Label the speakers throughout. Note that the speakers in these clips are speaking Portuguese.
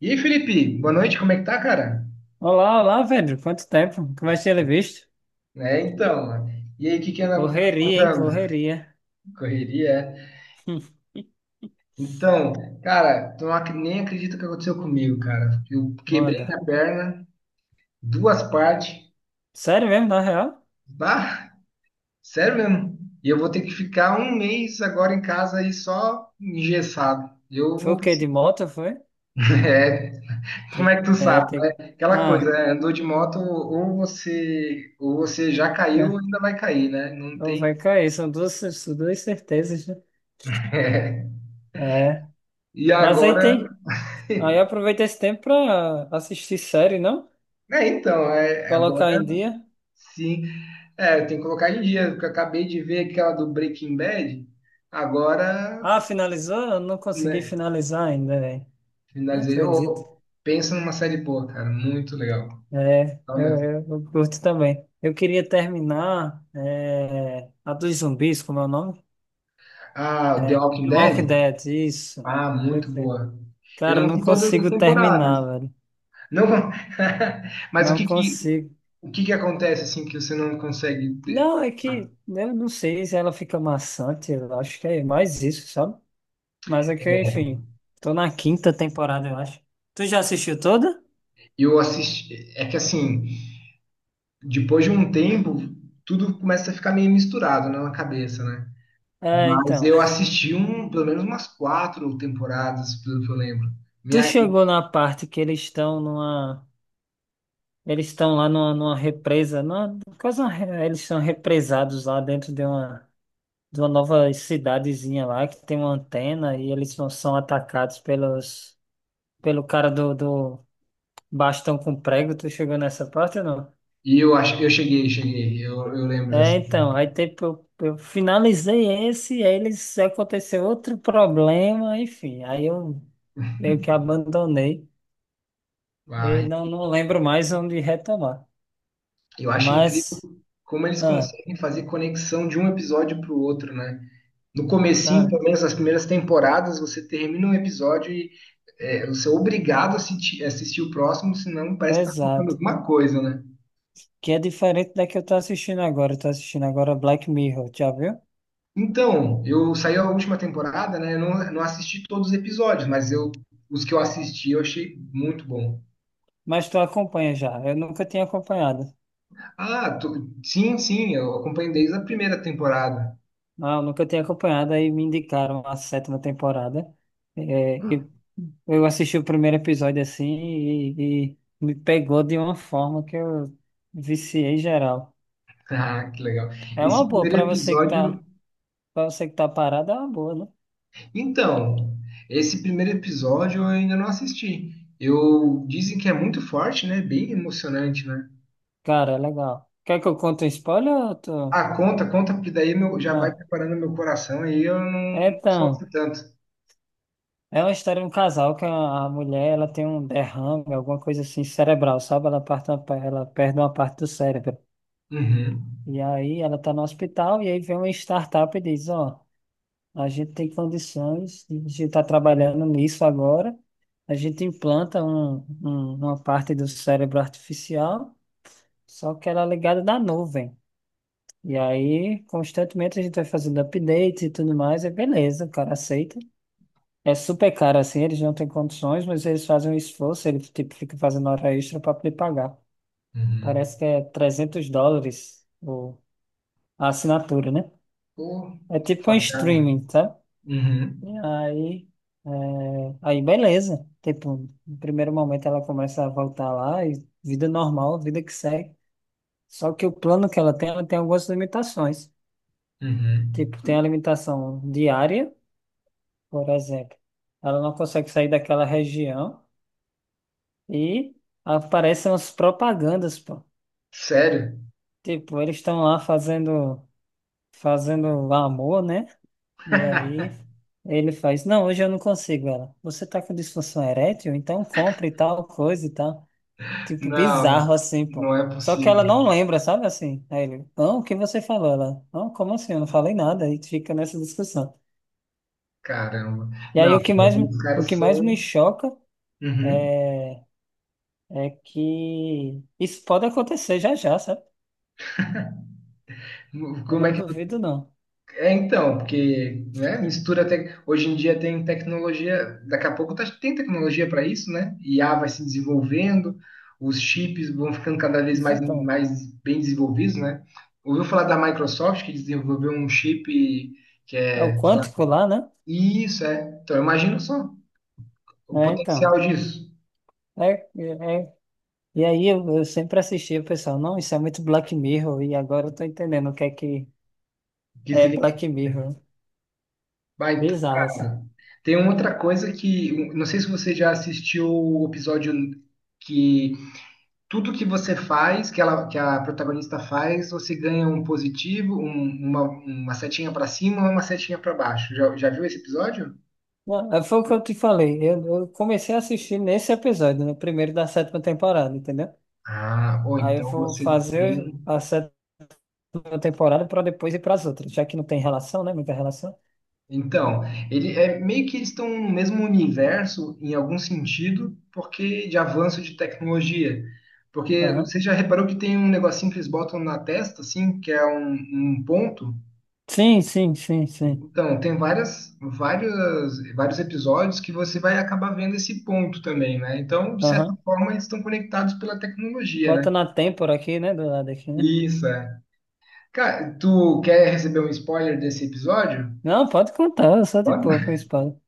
Speaker 1: E aí, Felipe, boa noite, como é que tá, cara?
Speaker 2: Olá, olá, Pedro. Quanto tempo? Como é que tinha visto?
Speaker 1: É, então, mano. E aí, o que que anda
Speaker 2: Correria, hein?
Speaker 1: contando?
Speaker 2: Correria.
Speaker 1: Correria, é. Então, cara, tu não nem acredito o que aconteceu comigo, cara. Eu quebrei
Speaker 2: Manda.
Speaker 1: a perna, duas partes,
Speaker 2: Sério mesmo, na real?
Speaker 1: bah, sério mesmo. E eu vou ter que ficar um mês agora em casa aí só engessado. Eu
Speaker 2: Foi
Speaker 1: vou,
Speaker 2: o quê? De moto, foi?
Speaker 1: é, como é que tu
Speaker 2: É,
Speaker 1: sabe,
Speaker 2: tem...
Speaker 1: né? Aquela coisa,
Speaker 2: Ah,
Speaker 1: né? Andou de moto, ou você já caiu, ou
Speaker 2: é.
Speaker 1: ainda vai cair, né? Não
Speaker 2: Não
Speaker 1: tem.
Speaker 2: vai cair. São duas certezas, né? É.
Speaker 1: E
Speaker 2: Mas aí
Speaker 1: agora.
Speaker 2: tem. Aí aproveita esse tempo pra assistir série, não?
Speaker 1: É, então, agora
Speaker 2: Colocar em dia.
Speaker 1: sim. É, tem que colocar em dia, porque eu acabei de ver aquela do Breaking Bad. Agora,
Speaker 2: Ah, finalizou? Eu não consegui
Speaker 1: né,
Speaker 2: finalizar ainda, velho. Não
Speaker 1: finalizei.
Speaker 2: acredito.
Speaker 1: Ô, pensa numa série boa, cara. Muito legal.
Speaker 2: É,
Speaker 1: Legal
Speaker 2: eu,
Speaker 1: mesmo.
Speaker 2: eu, eu curto também. Eu queria terminar é, a dos zumbis, como é o nome?
Speaker 1: Ah, The
Speaker 2: É,
Speaker 1: Walking
Speaker 2: The Walking
Speaker 1: Dead?
Speaker 2: Dead, isso.
Speaker 1: Ah, muito
Speaker 2: Perfeito.
Speaker 1: boa. Eu
Speaker 2: Cara, eu
Speaker 1: não
Speaker 2: não
Speaker 1: vi todas as
Speaker 2: consigo
Speaker 1: temporadas.
Speaker 2: terminar, velho.
Speaker 1: Não, mas o
Speaker 2: Não
Speaker 1: que que,
Speaker 2: consigo.
Speaker 1: o que que acontece assim que você não consegue?
Speaker 2: Não, é que eu não sei se ela fica maçante, eu acho que é mais isso, sabe? Mas é que, enfim, tô na quinta temporada, eu acho. Tu já assistiu toda?
Speaker 1: Eu assisti, é que assim, depois de um tempo, tudo começa a ficar meio misturado na cabeça, né?
Speaker 2: É,
Speaker 1: Mas
Speaker 2: então.
Speaker 1: eu assisti um, pelo menos umas quatro temporadas, pelo que eu lembro.
Speaker 2: Tu
Speaker 1: Minha,
Speaker 2: chegou na parte que eles estão numa. Eles estão lá numa, numa represa, numa, quase uma, eles são represados lá dentro de uma nova cidadezinha lá que tem uma antena e eles são, são atacados pelos, pelo cara do, do bastão com prego. Tu chegou nessa parte ou não?
Speaker 1: e eu acho que eu cheguei. Eu lembro dessa.
Speaker 2: É, então, aí tipo, eu, finalizei esse, e aí eles aconteceu outro problema, enfim, aí eu meio que abandonei e
Speaker 1: Mas
Speaker 2: não, não lembro mais onde retomar.
Speaker 1: eu acho incrível
Speaker 2: Mas,
Speaker 1: como eles
Speaker 2: ah,
Speaker 1: conseguem fazer conexão de um episódio para o outro, né? No comecinho,
Speaker 2: cara,
Speaker 1: pelo menos nas primeiras temporadas, você termina um episódio e você é obrigado a assistir o próximo, senão parece que tá faltando
Speaker 2: exato.
Speaker 1: alguma coisa, né?
Speaker 2: Que é diferente da que eu tô assistindo agora. Eu tô assistindo agora Black Mirror, já viu?
Speaker 1: Então, eu saí a última temporada, né? Eu não assisti todos os episódios, mas os que eu assisti eu achei muito bom.
Speaker 2: Mas tu acompanha já. Eu nunca tinha acompanhado.
Speaker 1: Ah, sim, sim, eu acompanho desde a primeira temporada.
Speaker 2: Não, eu nunca tinha acompanhado. Aí me indicaram a sétima temporada. É, e eu assisti o primeiro episódio assim e me pegou de uma forma que eu viciei geral.
Speaker 1: Ah, que legal.
Speaker 2: É
Speaker 1: Esse
Speaker 2: uma boa
Speaker 1: primeiro
Speaker 2: pra você que tá,
Speaker 1: episódio.
Speaker 2: para você que tá parado, é uma boa, né?
Speaker 1: Então, esse primeiro episódio eu ainda não assisti. Eu dizem que é muito forte, né? Bem emocionante, né?
Speaker 2: Cara, é legal. Quer que eu conte um spoiler? Ou tu...
Speaker 1: Ah, conta, conta, porque daí meu, já vai
Speaker 2: Ah,
Speaker 1: preparando meu coração aí eu não sofro
Speaker 2: então.
Speaker 1: tanto.
Speaker 2: É uma história de um casal que a mulher ela tem um derrame, alguma coisa assim cerebral, sabe? Ela, parte, ela perde uma parte do cérebro.
Speaker 1: Uhum.
Speaker 2: E aí ela tá no hospital e aí vem uma startup e diz, ó, a gente tem condições, a gente está trabalhando nisso agora, a gente implanta uma parte do cérebro artificial, só que ela é ligada na nuvem. E aí, constantemente, a gente vai fazendo updates e tudo mais, é beleza, o cara aceita. É super caro assim, eles não têm condições, mas eles fazem um esforço, eles tipo, ficam fazendo hora extra para poder pagar.
Speaker 1: Uhum.
Speaker 2: Parece que é $300 o, a assinatura, né?
Speaker 1: Pô,
Speaker 2: É tipo um
Speaker 1: facada.
Speaker 2: streaming, tá?
Speaker 1: Uhum.
Speaker 2: E aí, é, aí beleza. Tipo, no primeiro momento ela começa a voltar lá e vida normal, vida que segue. Só que o plano que ela tem algumas limitações.
Speaker 1: Uhum.
Speaker 2: Tipo, tem a limitação diária, por exemplo. Ela não consegue sair daquela região. E aparecem as propagandas, pô.
Speaker 1: Sério?
Speaker 2: Tipo, eles estão lá fazendo, fazendo amor, né? E aí ele faz, não, hoje eu não consigo, ela. Você tá com disfunção erétil? Então compre tal coisa e tal. Tipo,
Speaker 1: Não,
Speaker 2: bizarro assim, pô.
Speaker 1: não é
Speaker 2: Só que
Speaker 1: possível.
Speaker 2: ela não lembra, sabe assim? Aí ele, não, o que você falou? Ela, não, como assim? Eu não falei nada. Aí fica nessa discussão.
Speaker 1: Caramba.
Speaker 2: E
Speaker 1: Não,
Speaker 2: aí
Speaker 1: os
Speaker 2: o
Speaker 1: caras
Speaker 2: que mais me
Speaker 1: são.
Speaker 2: choca
Speaker 1: Uhum.
Speaker 2: é, é que isso pode acontecer já já, sabe? Eu
Speaker 1: Como é
Speaker 2: não
Speaker 1: que.
Speaker 2: duvido, não.
Speaker 1: É então, porque, né, mistura até. Hoje em dia tem tecnologia, daqui a pouco tem tecnologia para isso, né? IA vai se desenvolvendo, os chips vão ficando cada vez mais,
Speaker 2: Exatamente.
Speaker 1: mais bem desenvolvidos, né? Ouviu falar da Microsoft que desenvolveu um chip que
Speaker 2: É o
Speaker 1: é, sei lá,
Speaker 2: quântico lá, né?
Speaker 1: isso, é. Então, imagina só o
Speaker 2: É,
Speaker 1: potencial
Speaker 2: então.
Speaker 1: disso.
Speaker 2: É, é. É. E aí eu sempre assistia, o pessoal, não, isso é muito Black Mirror, e agora eu tô entendendo o que
Speaker 1: Que
Speaker 2: é
Speaker 1: significa.
Speaker 2: Black Mirror.
Speaker 1: Vai,
Speaker 2: Bizarro, assim.
Speaker 1: cara, tem uma outra coisa que. Não sei se você já assistiu o episódio que tudo que você faz, que a protagonista faz, você ganha um positivo, uma setinha para cima, ou uma setinha para baixo. Já viu esse episódio?
Speaker 2: Não, é, foi o que eu te falei. Eu comecei a assistir nesse episódio, no primeiro da sétima temporada, entendeu?
Speaker 1: Ah, ou
Speaker 2: Aí eu
Speaker 1: então
Speaker 2: vou
Speaker 1: você
Speaker 2: fazer
Speaker 1: tem.
Speaker 2: a sétima temporada para depois ir para as outras, já que não tem relação, né? Muita relação.
Speaker 1: Então, ele é meio que eles estão no mesmo universo em algum sentido, porque de avanço de tecnologia. Porque
Speaker 2: Aham.
Speaker 1: você já reparou que tem um negocinho que eles botam na testa, assim, que é um ponto,
Speaker 2: Sim, sim, sim, sim.
Speaker 1: então, tem vários episódios que você vai acabar vendo esse ponto também, né? Então, de certa
Speaker 2: Aham.
Speaker 1: forma, eles estão conectados pela tecnologia, né?
Speaker 2: Bota na têmpora aqui, né? Do lado aqui, né?
Speaker 1: Isso, é. Cara, tu quer receber um spoiler desse episódio?
Speaker 2: Não, pode contar, só de boa com a espada.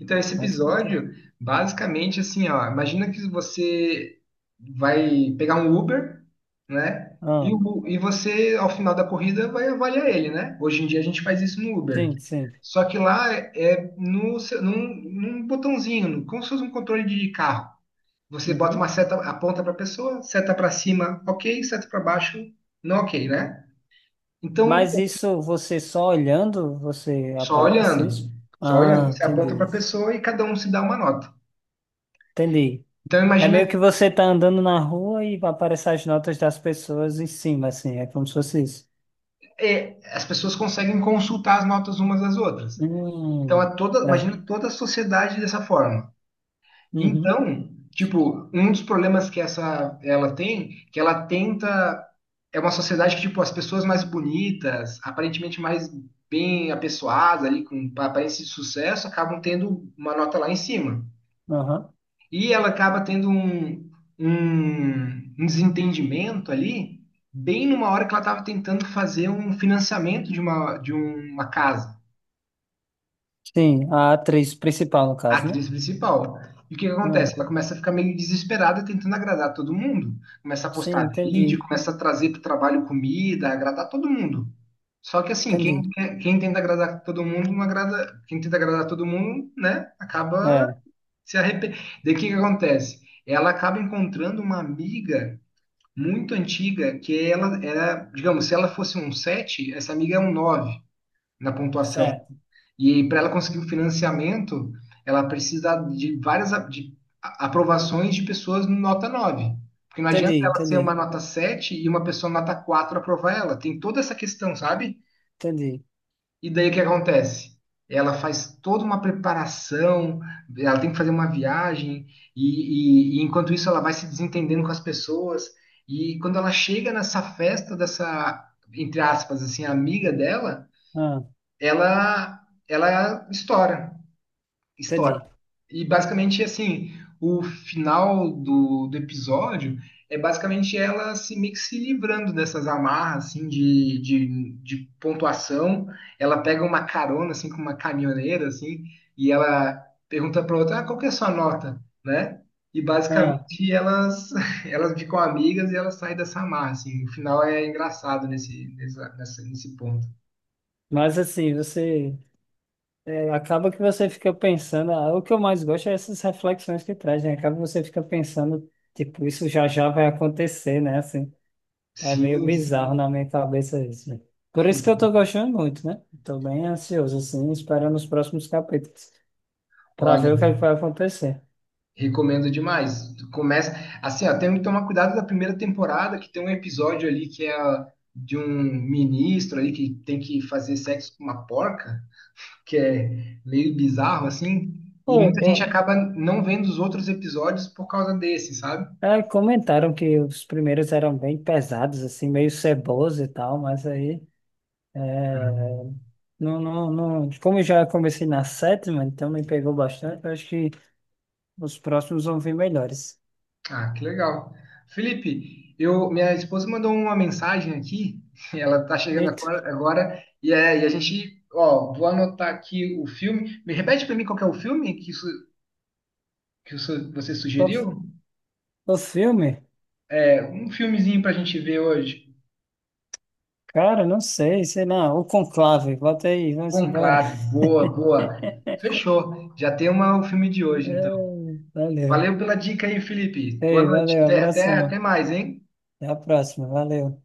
Speaker 1: Então, esse
Speaker 2: Pode contar.
Speaker 1: episódio, basicamente, assim, ó, imagina que você vai pegar um Uber, né? E,
Speaker 2: Ah,
Speaker 1: o- e você, ao final da corrida, vai avaliar ele, né? Hoje em dia a gente faz isso no Uber.
Speaker 2: sim, sim.
Speaker 1: Só que lá é no, seu- num, num botãozinho, como se fosse um controle de carro. Você bota uma
Speaker 2: Uhum.
Speaker 1: seta, aponta para a pessoa, seta para cima, ok, seta para baixo, não ok, né? Então,
Speaker 2: Mas isso você só olhando, você
Speaker 1: só
Speaker 2: aparece
Speaker 1: olhando,
Speaker 2: isso?
Speaker 1: só olhando,
Speaker 2: Ah,
Speaker 1: você aponta
Speaker 2: entendi.
Speaker 1: para a pessoa e cada um se dá uma nota.
Speaker 2: Entendi.
Speaker 1: Então,
Speaker 2: É meio
Speaker 1: imagina
Speaker 2: que você tá andando na rua e aparecem as notas das pessoas em cima, assim. É como se fosse isso.
Speaker 1: as pessoas conseguem consultar as notas umas das outras. Então, é
Speaker 2: Hum,
Speaker 1: toda, imagina
Speaker 2: é.
Speaker 1: toda a sociedade dessa forma.
Speaker 2: Uhum.
Speaker 1: Então, tipo, um dos problemas que essa ela tem, que ela tenta é uma sociedade que tipo as pessoas mais bonitas, aparentemente mais bem apessoadas ali com aparência de sucesso, acabam tendo uma nota lá em cima.
Speaker 2: Aham.
Speaker 1: E ela acaba tendo um desentendimento ali, bem numa hora que ela estava tentando fazer um financiamento de uma casa,
Speaker 2: Sim, a atriz principal, no
Speaker 1: a
Speaker 2: caso, né?
Speaker 1: atriz principal. E o que que acontece?
Speaker 2: Ah,
Speaker 1: Ela começa a ficar meio desesperada tentando agradar todo mundo. Começa a
Speaker 2: sim,
Speaker 1: postar vídeo,
Speaker 2: entendi.
Speaker 1: começa a trazer para o trabalho comida, agradar todo mundo. Só que assim, quem,
Speaker 2: Entendi.
Speaker 1: quer- quem tenta agradar todo mundo, não agrada, quem tenta agradar todo mundo, né, acaba
Speaker 2: É,
Speaker 1: se arrependendo. Daí o que que acontece? Ela acaba encontrando uma amiga muito antiga, que ela era, digamos, se ela fosse um 7, essa amiga é um 9 na pontuação.
Speaker 2: certo.
Speaker 1: E para ela conseguir o financiamento, ela precisa de várias aprovações de pessoas nota 9. Porque não
Speaker 2: Entendi,
Speaker 1: adianta ela ser uma
Speaker 2: entendi.
Speaker 1: nota 7 e uma pessoa nota 4 aprovar ela. Tem toda essa questão, sabe?
Speaker 2: Entendi.
Speaker 1: E daí o que acontece? Ela faz toda uma preparação, ela tem que fazer uma viagem, e enquanto isso ela vai se desentendendo com as pessoas. E quando ela chega nessa festa dessa, entre aspas, assim, amiga dela,
Speaker 2: Ah,
Speaker 1: ela, ela estoura história.
Speaker 2: entendi.
Speaker 1: E basicamente, assim, o final do episódio é basicamente ela se, meio que se livrando dessas amarras, assim, de pontuação. Ela pega uma carona, assim, com uma caminhoneira, assim, e ela pergunta para outra, ah, qual que é a sua nota, né? E
Speaker 2: Ah,
Speaker 1: basicamente elas, elas ficam amigas e elas saem dessa amarra, assim. O final é engraçado nesse ponto.
Speaker 2: mas assim, você é, acaba que você fica pensando, ah, o que eu mais gosto é essas reflexões que traz, né? Acaba que você fica pensando, tipo, isso já já vai acontecer, né? Assim, é meio
Speaker 1: Sim, sim.
Speaker 2: bizarro na minha cabeça isso. Né? Por isso que eu tô gostando muito, né? Tô bem ansioso, assim, esperando os próximos capítulos para
Speaker 1: Olha.
Speaker 2: ver o que é que vai acontecer.
Speaker 1: Recomendo demais. Tu começa assim, ó, tem que tomar cuidado da primeira temporada, que tem um episódio ali que é de um ministro ali que tem que fazer sexo com uma porca, que é meio bizarro assim, e
Speaker 2: Pô,
Speaker 1: muita gente
Speaker 2: é,
Speaker 1: acaba não vendo os outros episódios por causa desse, sabe?
Speaker 2: é, comentaram que os primeiros eram bem pesados, assim, meio ceboso e tal, mas aí. Não, não, não. Como eu já comecei na sétima, então me pegou bastante. Eu acho que os próximos vão vir melhores.
Speaker 1: Ah, que legal. Felipe, minha esposa mandou uma mensagem aqui, ela tá chegando
Speaker 2: Eita,
Speaker 1: agora, agora, e a gente, ó, vou anotar aqui o filme. Me repete para mim qual que é o filme que você
Speaker 2: o,
Speaker 1: sugeriu?
Speaker 2: o filme?
Speaker 1: É, um filmezinho pra gente ver hoje.
Speaker 2: Cara, não sei, sei lá. O Conclave, bota aí, vamos embora.
Speaker 1: Conclave, boa, boa. Fechou. Já tem uma, o filme de hoje,
Speaker 2: É,
Speaker 1: então.
Speaker 2: valeu.
Speaker 1: Valeu pela dica aí, Felipe. Boa
Speaker 2: Ei,
Speaker 1: noite.
Speaker 2: valeu,
Speaker 1: Até, até, até
Speaker 2: abração.
Speaker 1: mais, hein?
Speaker 2: Até a próxima, valeu.